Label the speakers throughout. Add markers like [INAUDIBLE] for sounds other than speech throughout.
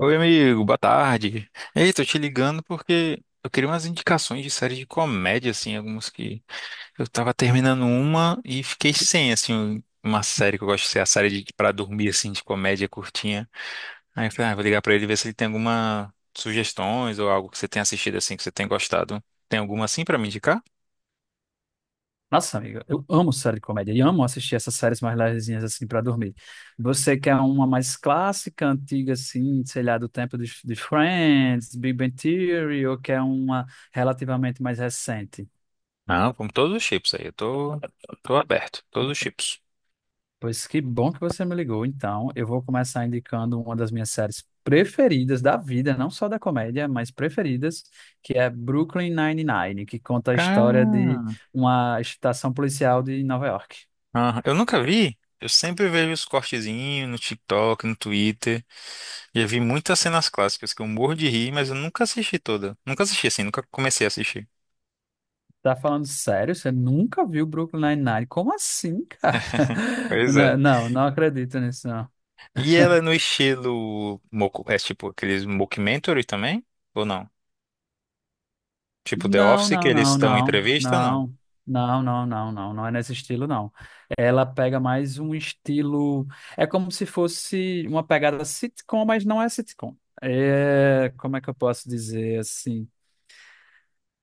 Speaker 1: Oi, amigo, boa tarde. Ei, tô te ligando porque eu queria umas indicações de séries de comédia, assim, algumas que eu tava terminando uma e fiquei sem, assim, uma série que eu gosto de ser a série de para dormir, assim, de comédia curtinha. Aí eu falei, ah, vou ligar pra ele ver se ele tem alguma sugestões ou algo que você tenha assistido, assim, que você tenha gostado. Tem alguma, assim, pra me indicar?
Speaker 2: Nossa, amiga, eu amo série de comédia e amo assistir essas séries mais levezinhas assim para dormir. Você quer uma mais clássica, antiga, assim, sei lá, do tempo de Friends, Big Bang Theory, ou quer uma relativamente mais recente?
Speaker 1: Não, como todos os chips aí, eu tô aberto, todos os chips.
Speaker 2: Pois que bom que você me ligou. Então, eu vou começar indicando uma das minhas séries preferidas da vida, não só da comédia, mas preferidas, que é Brooklyn Nine-Nine, que conta a história de
Speaker 1: Cara,
Speaker 2: uma estação policial de Nova York.
Speaker 1: ah, eu nunca vi. Eu sempre vejo os cortezinhos no TikTok, no Twitter. Já vi muitas cenas clássicas que eu morro de rir, mas eu nunca assisti toda. Nunca assisti assim, nunca comecei a assistir.
Speaker 2: Tá falando sério? Você nunca viu Brooklyn Nine-Nine? Como assim, cara? [LAUGHS]
Speaker 1: Pois é.
Speaker 2: Não, não acredito nisso, não.
Speaker 1: E ela é no estilo é tipo aqueles mockumentary também? Ou não? Tipo The
Speaker 2: Não,
Speaker 1: Office, que
Speaker 2: não,
Speaker 1: eles
Speaker 2: não,
Speaker 1: estão em
Speaker 2: não,
Speaker 1: entrevista, ou não?
Speaker 2: não, não, não, não, não, Não é nesse estilo, não. Ela pega mais um estilo. É como se fosse uma pegada sitcom, mas não é sitcom. É, como é que eu posso dizer assim?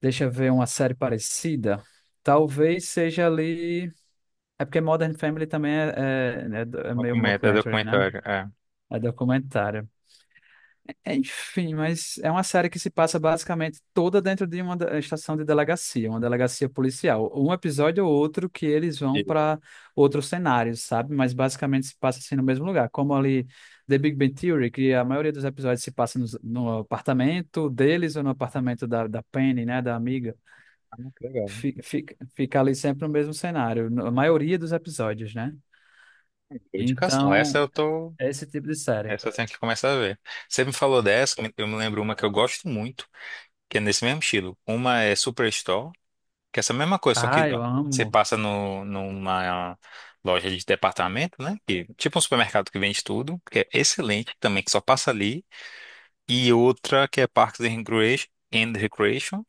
Speaker 2: Deixa eu ver uma série parecida. Talvez seja ali. É porque Modern Family também é meio
Speaker 1: Documenta, é
Speaker 2: mockumentary, né?
Speaker 1: documentário, é.
Speaker 2: É documentário. É. Enfim, mas é uma série que se passa basicamente toda dentro de uma estação de delegacia, uma delegacia policial. Um episódio ou outro que eles vão
Speaker 1: E-
Speaker 2: para outros cenários, sabe? Mas basicamente se passa assim no mesmo lugar. Como ali The Big Bang Theory, que a maioria dos episódios se passa no apartamento deles ou no apartamento da Penny, né? Da amiga.
Speaker 1: Ah, que legal.
Speaker 2: Fica ali sempre no mesmo cenário, na maioria dos episódios, né?
Speaker 1: Boa indicação.
Speaker 2: Então, é esse tipo de série.
Speaker 1: Essa eu tenho que começar a ver. Você me falou dessa, eu me lembro uma que eu gosto muito, que é nesse mesmo estilo. Uma é Superstore. Que é essa mesma coisa, só que
Speaker 2: Ah, eu
Speaker 1: você
Speaker 2: amo.
Speaker 1: passa no, numa loja de departamento, né? Que, tipo um supermercado que vende tudo, que é excelente também, que só passa ali. E outra que é Parks and Recreation,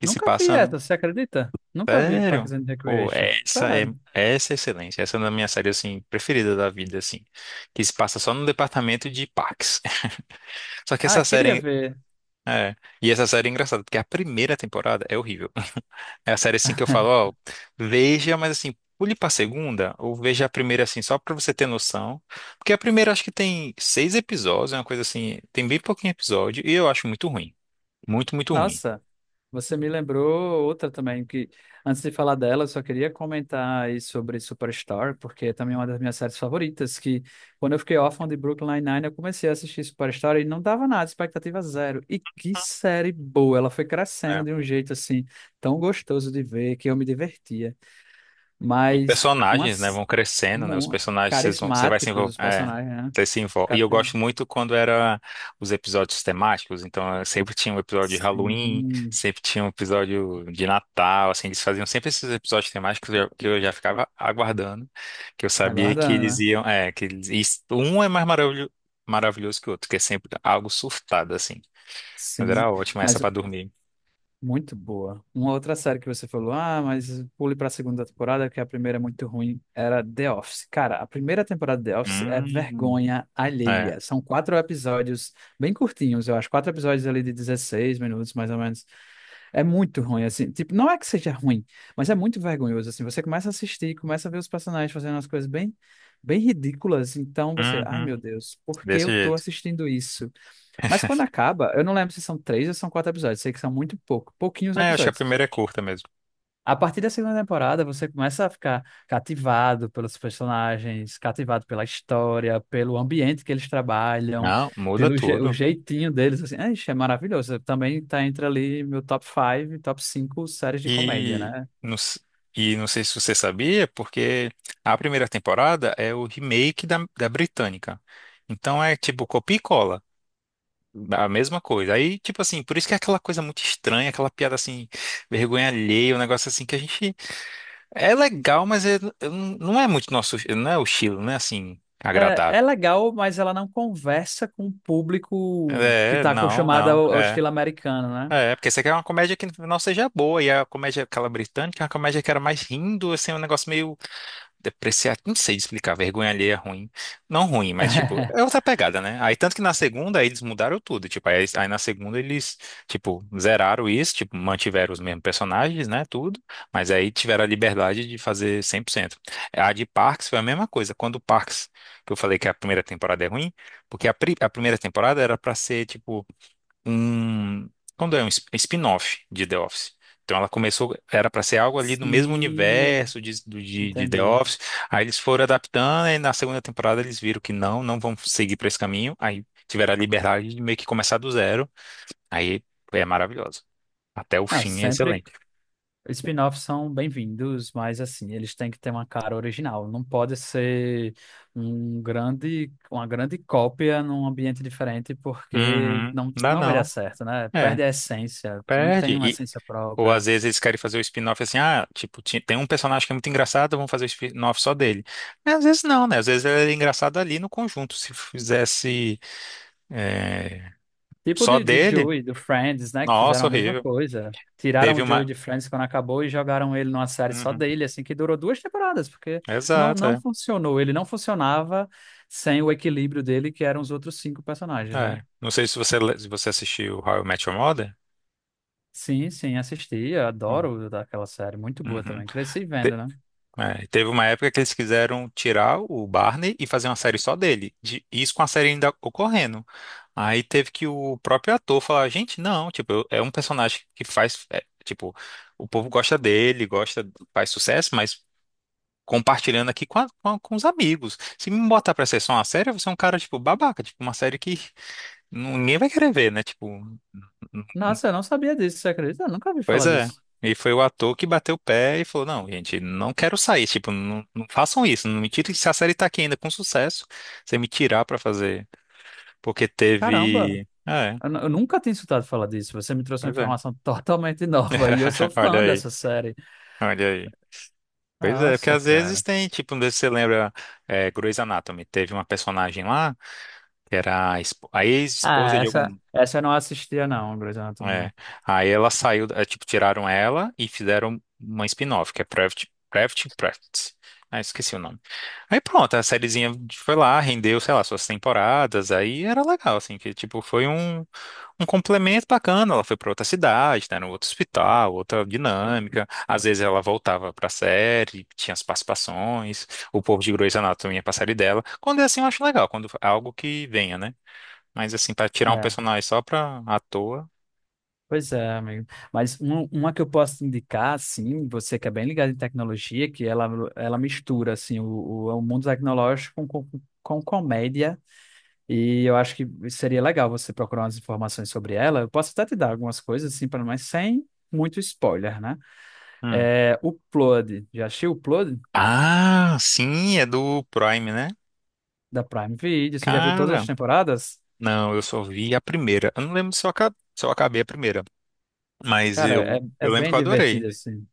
Speaker 1: que se
Speaker 2: Nunca vi
Speaker 1: passa no...
Speaker 2: essa, você acredita? Nunca vi Parks
Speaker 1: Sério?
Speaker 2: and
Speaker 1: Pô,
Speaker 2: Recreation.
Speaker 1: essa é,
Speaker 2: Sério.
Speaker 1: essa é excelente. Essa é uma da minha série, assim, preferida da vida, assim. Que se passa só no departamento de parques. [LAUGHS] Só que
Speaker 2: Ah,
Speaker 1: essa
Speaker 2: queria
Speaker 1: série...
Speaker 2: ver.
Speaker 1: É, e essa série é engraçada, porque a primeira temporada é horrível. É a série assim que eu falo,
Speaker 2: [LAUGHS]
Speaker 1: ó, veja, mas assim, pule pra segunda, ou veja a primeira assim, só pra você ter noção. Porque a primeira acho que tem 6 episódios, é uma coisa assim, tem bem pouquinho episódio, e eu acho muito ruim. Muito, muito ruim.
Speaker 2: Nossa, você me lembrou outra também, que antes de falar dela, eu só queria comentar aí sobre Superstore, porque é também uma das minhas séries favoritas, que quando eu fiquei órfão de Brooklyn Nine-Nine, eu comecei a assistir Superstore e não dava nada, expectativa zero. E que série boa, ela foi crescendo de um
Speaker 1: Né?
Speaker 2: jeito assim, tão gostoso de ver, que eu me divertia.
Speaker 1: Os
Speaker 2: Mas
Speaker 1: personagens, né,
Speaker 2: umas,
Speaker 1: vão crescendo, né? Os
Speaker 2: uma-
Speaker 1: personagens, você vai se
Speaker 2: Carismáticos
Speaker 1: envolver.
Speaker 2: os
Speaker 1: É,
Speaker 2: personagens, né?
Speaker 1: você se envolve. E eu
Speaker 2: Cate-
Speaker 1: gosto muito quando era os episódios temáticos. Então, eu sempre tinha um episódio de Halloween,
Speaker 2: Sim,
Speaker 1: sempre tinha um episódio de Natal. Assim, eles faziam sempre esses episódios temáticos que eu já ficava aguardando, que eu sabia que
Speaker 2: aguardando,
Speaker 1: eles
Speaker 2: né?
Speaker 1: iam. É, que eles, e um é mais maravilhoso, maravilhoso que o outro, que é sempre algo surtado, assim. Mas
Speaker 2: Sim,
Speaker 1: era ótimo essa
Speaker 2: mas
Speaker 1: pra dormir.
Speaker 2: muito boa. Uma outra série que você falou, ah, mas pule para a segunda temporada, que a primeira é muito ruim, era The Office. Cara, a primeira temporada de The Office é
Speaker 1: Hum,
Speaker 2: vergonha
Speaker 1: é.
Speaker 2: alheia. São quatro episódios bem curtinhos, eu acho, quatro episódios ali de 16 minutos, mais ou menos. É muito ruim, assim. Tipo, não é que seja ruim, mas é muito vergonhoso, assim. Você começa a assistir, começa a ver os personagens fazendo umas coisas bem, bem ridículas. Então você, ai
Speaker 1: Uhum,
Speaker 2: meu Deus, por que
Speaker 1: desse
Speaker 2: eu tô
Speaker 1: jeito.
Speaker 2: assistindo isso? Mas quando acaba, eu não lembro se são três ou são quatro episódios. Sei que são muito pouco, pouquinhos
Speaker 1: É, acho que a
Speaker 2: episódios.
Speaker 1: primeira é curta mesmo.
Speaker 2: A partir da segunda temporada, você começa a ficar cativado pelos personagens, cativado pela história, pelo ambiente que eles trabalham,
Speaker 1: Não, muda
Speaker 2: pelo je- o
Speaker 1: tudo.
Speaker 2: jeitinho deles, assim, é, ixi, é maravilhoso. Também tá entre ali meu top 5, top 5 séries de comédia,
Speaker 1: E
Speaker 2: né?
Speaker 1: não, s- e não sei se você sabia, porque a primeira temporada é o remake da, da britânica. Então é tipo copia e cola. A mesma coisa. Aí, tipo assim, por isso que é aquela coisa muito estranha, aquela piada assim, vergonha alheia, um negócio assim que a gente. É legal, mas é- eu não é muito nosso. Não é o estilo, não é assim,
Speaker 2: É, é
Speaker 1: agradável.
Speaker 2: legal, mas ela não conversa com o público que
Speaker 1: É,
Speaker 2: tá
Speaker 1: não,
Speaker 2: acostumado
Speaker 1: não,
Speaker 2: ao
Speaker 1: é.
Speaker 2: estilo americano, né?
Speaker 1: É, porque você quer uma comédia que não seja boa, e a comédia, aquela britânica, é uma comédia que era mais rindo, assim, um negócio meio depreciar, não sei explicar, vergonha alheia é ruim. Não ruim, mas tipo, é outra pegada, né? Aí tanto que na segunda aí eles mudaram tudo, tipo, aí na segunda eles, tipo, zeraram isso, tipo, mantiveram os mesmos personagens, né, tudo, mas aí tiveram a liberdade de fazer 100%. A de Parks foi a mesma coisa, quando o Parks, que eu falei que a primeira temporada é ruim, porque a primeira temporada era pra ser, tipo, um, quando é um spin-off de The Office. Então ela começou, era para ser algo ali no mesmo
Speaker 2: Sim,
Speaker 1: universo de The
Speaker 2: entendi.
Speaker 1: Office. Aí eles foram adaptando e na segunda temporada eles viram que não, não vão seguir para esse caminho. Aí tiveram a liberdade de meio que começar do zero. Aí é maravilhoso. Até o
Speaker 2: Não,
Speaker 1: fim é
Speaker 2: sempre
Speaker 1: excelente.
Speaker 2: Spin-offs são bem-vindos, mas assim, eles têm que ter uma cara original. Não pode ser uma grande cópia num ambiente diferente, porque
Speaker 1: Uhum. Dá
Speaker 2: não vai dar
Speaker 1: não.
Speaker 2: certo, né?
Speaker 1: É,
Speaker 2: Perde a essência, não tem uma
Speaker 1: perde.
Speaker 2: essência
Speaker 1: Ou às
Speaker 2: própria.
Speaker 1: vezes eles querem fazer o spin-off assim, ah, tipo, tem um personagem que é muito engraçado, vamos fazer o spin-off só dele. Mas às vezes não, né? Às vezes ele é engraçado ali no conjunto. Se fizesse é,
Speaker 2: Tipo
Speaker 1: só
Speaker 2: de
Speaker 1: dele,
Speaker 2: Joey, do Friends, né? Que fizeram
Speaker 1: nossa,
Speaker 2: a mesma
Speaker 1: horrível.
Speaker 2: coisa. Tiraram
Speaker 1: Teve
Speaker 2: o Joey
Speaker 1: uma.
Speaker 2: de Friends quando acabou e jogaram ele numa série só
Speaker 1: Uhum.
Speaker 2: dele, assim, que durou duas temporadas, porque
Speaker 1: Exato,
Speaker 2: não
Speaker 1: é.
Speaker 2: funcionou. Ele não funcionava sem o equilíbrio dele, que eram os outros cinco personagens, né?
Speaker 1: É. Não sei se se você assistiu How I Met Your Mother.
Speaker 2: Sim, sim, assisti, eu
Speaker 1: Bom.
Speaker 2: adoro aquela série, muito boa
Speaker 1: Uhum.
Speaker 2: também. Cresci vendo, né?
Speaker 1: É, e teve uma época que eles quiseram tirar o Barney e fazer uma série só dele. De, isso com a série ainda ocorrendo. Aí teve que o próprio ator falar, gente, não, tipo, eu- é um personagem que faz, é, tipo, o povo gosta dele, gosta, faz sucesso, mas compartilhando aqui com os amigos. Se me botar pra ser só uma série, eu vou ser um cara, tipo, babaca, tipo, uma série que [LAUGHS] ninguém vai querer ver, né? Tipo,
Speaker 2: Nossa, eu não sabia disso, você acredita? Eu nunca ouvi
Speaker 1: pois
Speaker 2: falar
Speaker 1: é.
Speaker 2: disso.
Speaker 1: E foi o ator que bateu o pé e falou: não, gente, não quero sair. Tipo, não, não façam isso. Não me tirem. Se a série tá aqui ainda com sucesso, você me tirar pra fazer. Porque
Speaker 2: Caramba,
Speaker 1: teve. É,
Speaker 2: eu nunca tinha escutado falar disso. Você me trouxe uma
Speaker 1: pois é.
Speaker 2: informação [LAUGHS] totalmente nova e eu
Speaker 1: [LAUGHS]
Speaker 2: sou
Speaker 1: Olha
Speaker 2: fã
Speaker 1: aí,
Speaker 2: dessa série.
Speaker 1: olha aí. Pois é, porque
Speaker 2: Nossa,
Speaker 1: às vezes
Speaker 2: cara.
Speaker 1: tem, tipo, não sei se você lembra, é, Grey's Anatomy, teve uma personagem lá que era a
Speaker 2: Ah,
Speaker 1: ex-esposa de algum.
Speaker 2: essa eu não assistia, não, Grey's Anatomy,
Speaker 1: É.
Speaker 2: não.
Speaker 1: Aí ela saiu, é, tipo, tiraram ela e fizeram uma spin-off, que é Private Practice. Ah, esqueci o nome. Aí pronto, a sériezinha foi lá, rendeu, sei lá, suas temporadas, aí era legal, assim, que tipo, foi um, um complemento bacana. Ela foi pra outra cidade, né, no outro hospital, outra dinâmica. Às vezes ela voltava pra série, tinha as participações, o povo de Grey's Anatomy ia pra série dela. Quando é assim, eu acho legal, quando é algo que venha, né? Mas assim, pra tirar um
Speaker 2: É,
Speaker 1: personagem só pra à toa.
Speaker 2: pois é, amigo. Mas uma que eu posso te indicar, assim, você que é bem ligado em tecnologia, que ela mistura, assim, o mundo tecnológico com comédia. E eu acho que seria legal você procurar umas informações sobre ela. Eu posso até te dar algumas coisas, assim, pra- mas sem muito spoiler, né?
Speaker 1: Hum.
Speaker 2: É, o Upload. Já assistiu o Upload
Speaker 1: Ah, sim, é do Prime, né?
Speaker 2: da Prime Video? Você já viu todas as
Speaker 1: Cara,
Speaker 2: temporadas?
Speaker 1: não, eu só vi a primeira. Eu não lembro se eu acabei a primeira, mas
Speaker 2: Cara,
Speaker 1: eu,
Speaker 2: é, é
Speaker 1: eu lembro
Speaker 2: bem
Speaker 1: que eu adorei.
Speaker 2: divertido, assim.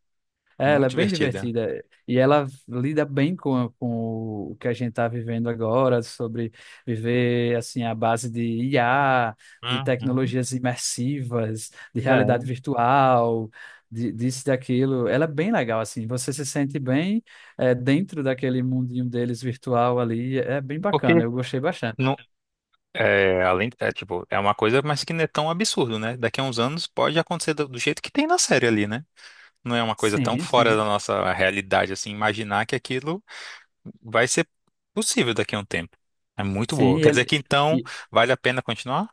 Speaker 2: É, ela é
Speaker 1: Muito
Speaker 2: bem
Speaker 1: divertida.
Speaker 2: divertida e ela lida bem com o que a gente está vivendo agora, sobre viver assim à base de IA, de
Speaker 1: Uhum.
Speaker 2: tecnologias imersivas, de
Speaker 1: É,
Speaker 2: realidade virtual, disso e daquilo. Ela é bem legal, assim, você se sente bem é, dentro daquele mundinho deles virtual ali, é bem bacana,
Speaker 1: porque
Speaker 2: eu gostei bastante.
Speaker 1: não, é, além, é, tipo, é uma coisa, mas que não é tão absurdo, né? Daqui a uns anos pode acontecer do jeito que tem na série ali, né? Não é uma coisa tão
Speaker 2: Sim,
Speaker 1: fora da
Speaker 2: sim.
Speaker 1: nossa realidade, assim, imaginar que aquilo vai ser possível daqui a um tempo. É muito
Speaker 2: Sim,
Speaker 1: boa.
Speaker 2: e
Speaker 1: Quer dizer
Speaker 2: ele.
Speaker 1: que então vale a pena continuar?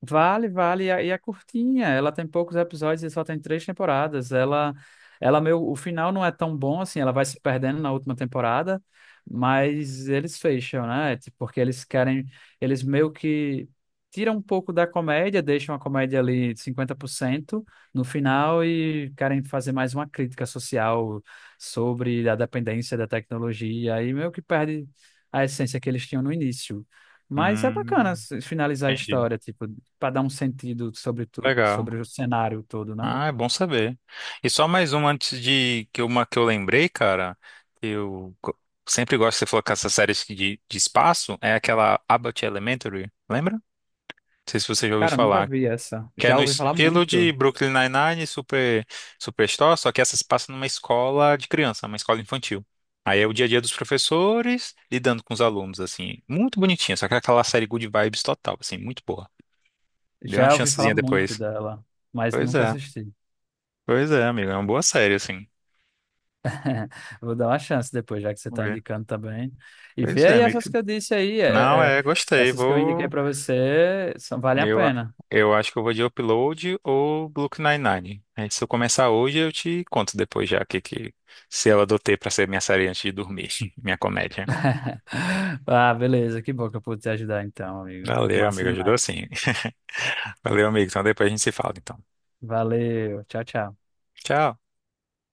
Speaker 2: Vale, vale. E é curtinha. Ela tem poucos episódios e só tem três temporadas. Ela meio, o final não é tão bom assim. Ela vai se perdendo na última temporada, mas eles fecham, né? É. Tipo. Porque eles querem, eles meio que tiram um pouco da comédia, deixam a comédia ali 50% no final e querem fazer mais uma crítica social sobre a dependência da tecnologia. Aí meio que perde a essência que eles tinham no início. Mas é bacana
Speaker 1: Hum.
Speaker 2: se- finalizar a
Speaker 1: Entendi.
Speaker 2: história, tipo, para dar um sentido sobre tudo,
Speaker 1: Legal.
Speaker 2: sobre o cenário todo, né?
Speaker 1: Ah, é bom saber. E só mais uma antes de que uma que eu lembrei, cara, que eu sempre gosto de você falou com essas séries de espaço, é aquela Abbott Elementary, lembra? Não sei se você já ouviu
Speaker 2: Cara, nunca
Speaker 1: falar.
Speaker 2: vi essa.
Speaker 1: Que é
Speaker 2: Já
Speaker 1: no
Speaker 2: ouvi falar
Speaker 1: estilo de
Speaker 2: muito.
Speaker 1: Brooklyn Nine-Nine, Superstore, só que essa se passa numa escola de criança, uma escola infantil. Aí é o dia a dia dos professores lidando com os alunos, assim. Muito bonitinha, só que é aquela série good vibes total, assim, muito boa. Dê uma
Speaker 2: Já ouvi falar
Speaker 1: chancezinha
Speaker 2: muito
Speaker 1: depois.
Speaker 2: dela, mas
Speaker 1: Pois
Speaker 2: nunca
Speaker 1: é.
Speaker 2: assisti.
Speaker 1: Pois é, amigo, é uma boa série, assim.
Speaker 2: Vou dar uma chance depois, já que você
Speaker 1: Vamos
Speaker 2: está
Speaker 1: ver.
Speaker 2: indicando também. E
Speaker 1: Pois
Speaker 2: vê
Speaker 1: é,
Speaker 2: aí essas
Speaker 1: amigo.
Speaker 2: que eu disse aí,
Speaker 1: Não,
Speaker 2: é,
Speaker 1: é, gostei.
Speaker 2: essas que eu indiquei
Speaker 1: Vou.
Speaker 2: para você, são, valem a
Speaker 1: Eu, a-
Speaker 2: pena.
Speaker 1: eu acho que eu vou de Upload ou Brooklyn Nine-Nine. Aí, se eu começar hoje, eu te conto depois já o que se eu adotei pra ser minha série antes de dormir, [LAUGHS] minha comédia.
Speaker 2: [LAUGHS] Ah, beleza, que bom que eu pude te ajudar então, amigo.
Speaker 1: Valeu,
Speaker 2: Massa
Speaker 1: amigo, ajudou
Speaker 2: demais.
Speaker 1: sim. [LAUGHS] Valeu, amigo. Então depois a gente se fala, então.
Speaker 2: Valeu, tchau, tchau.
Speaker 1: Tchau.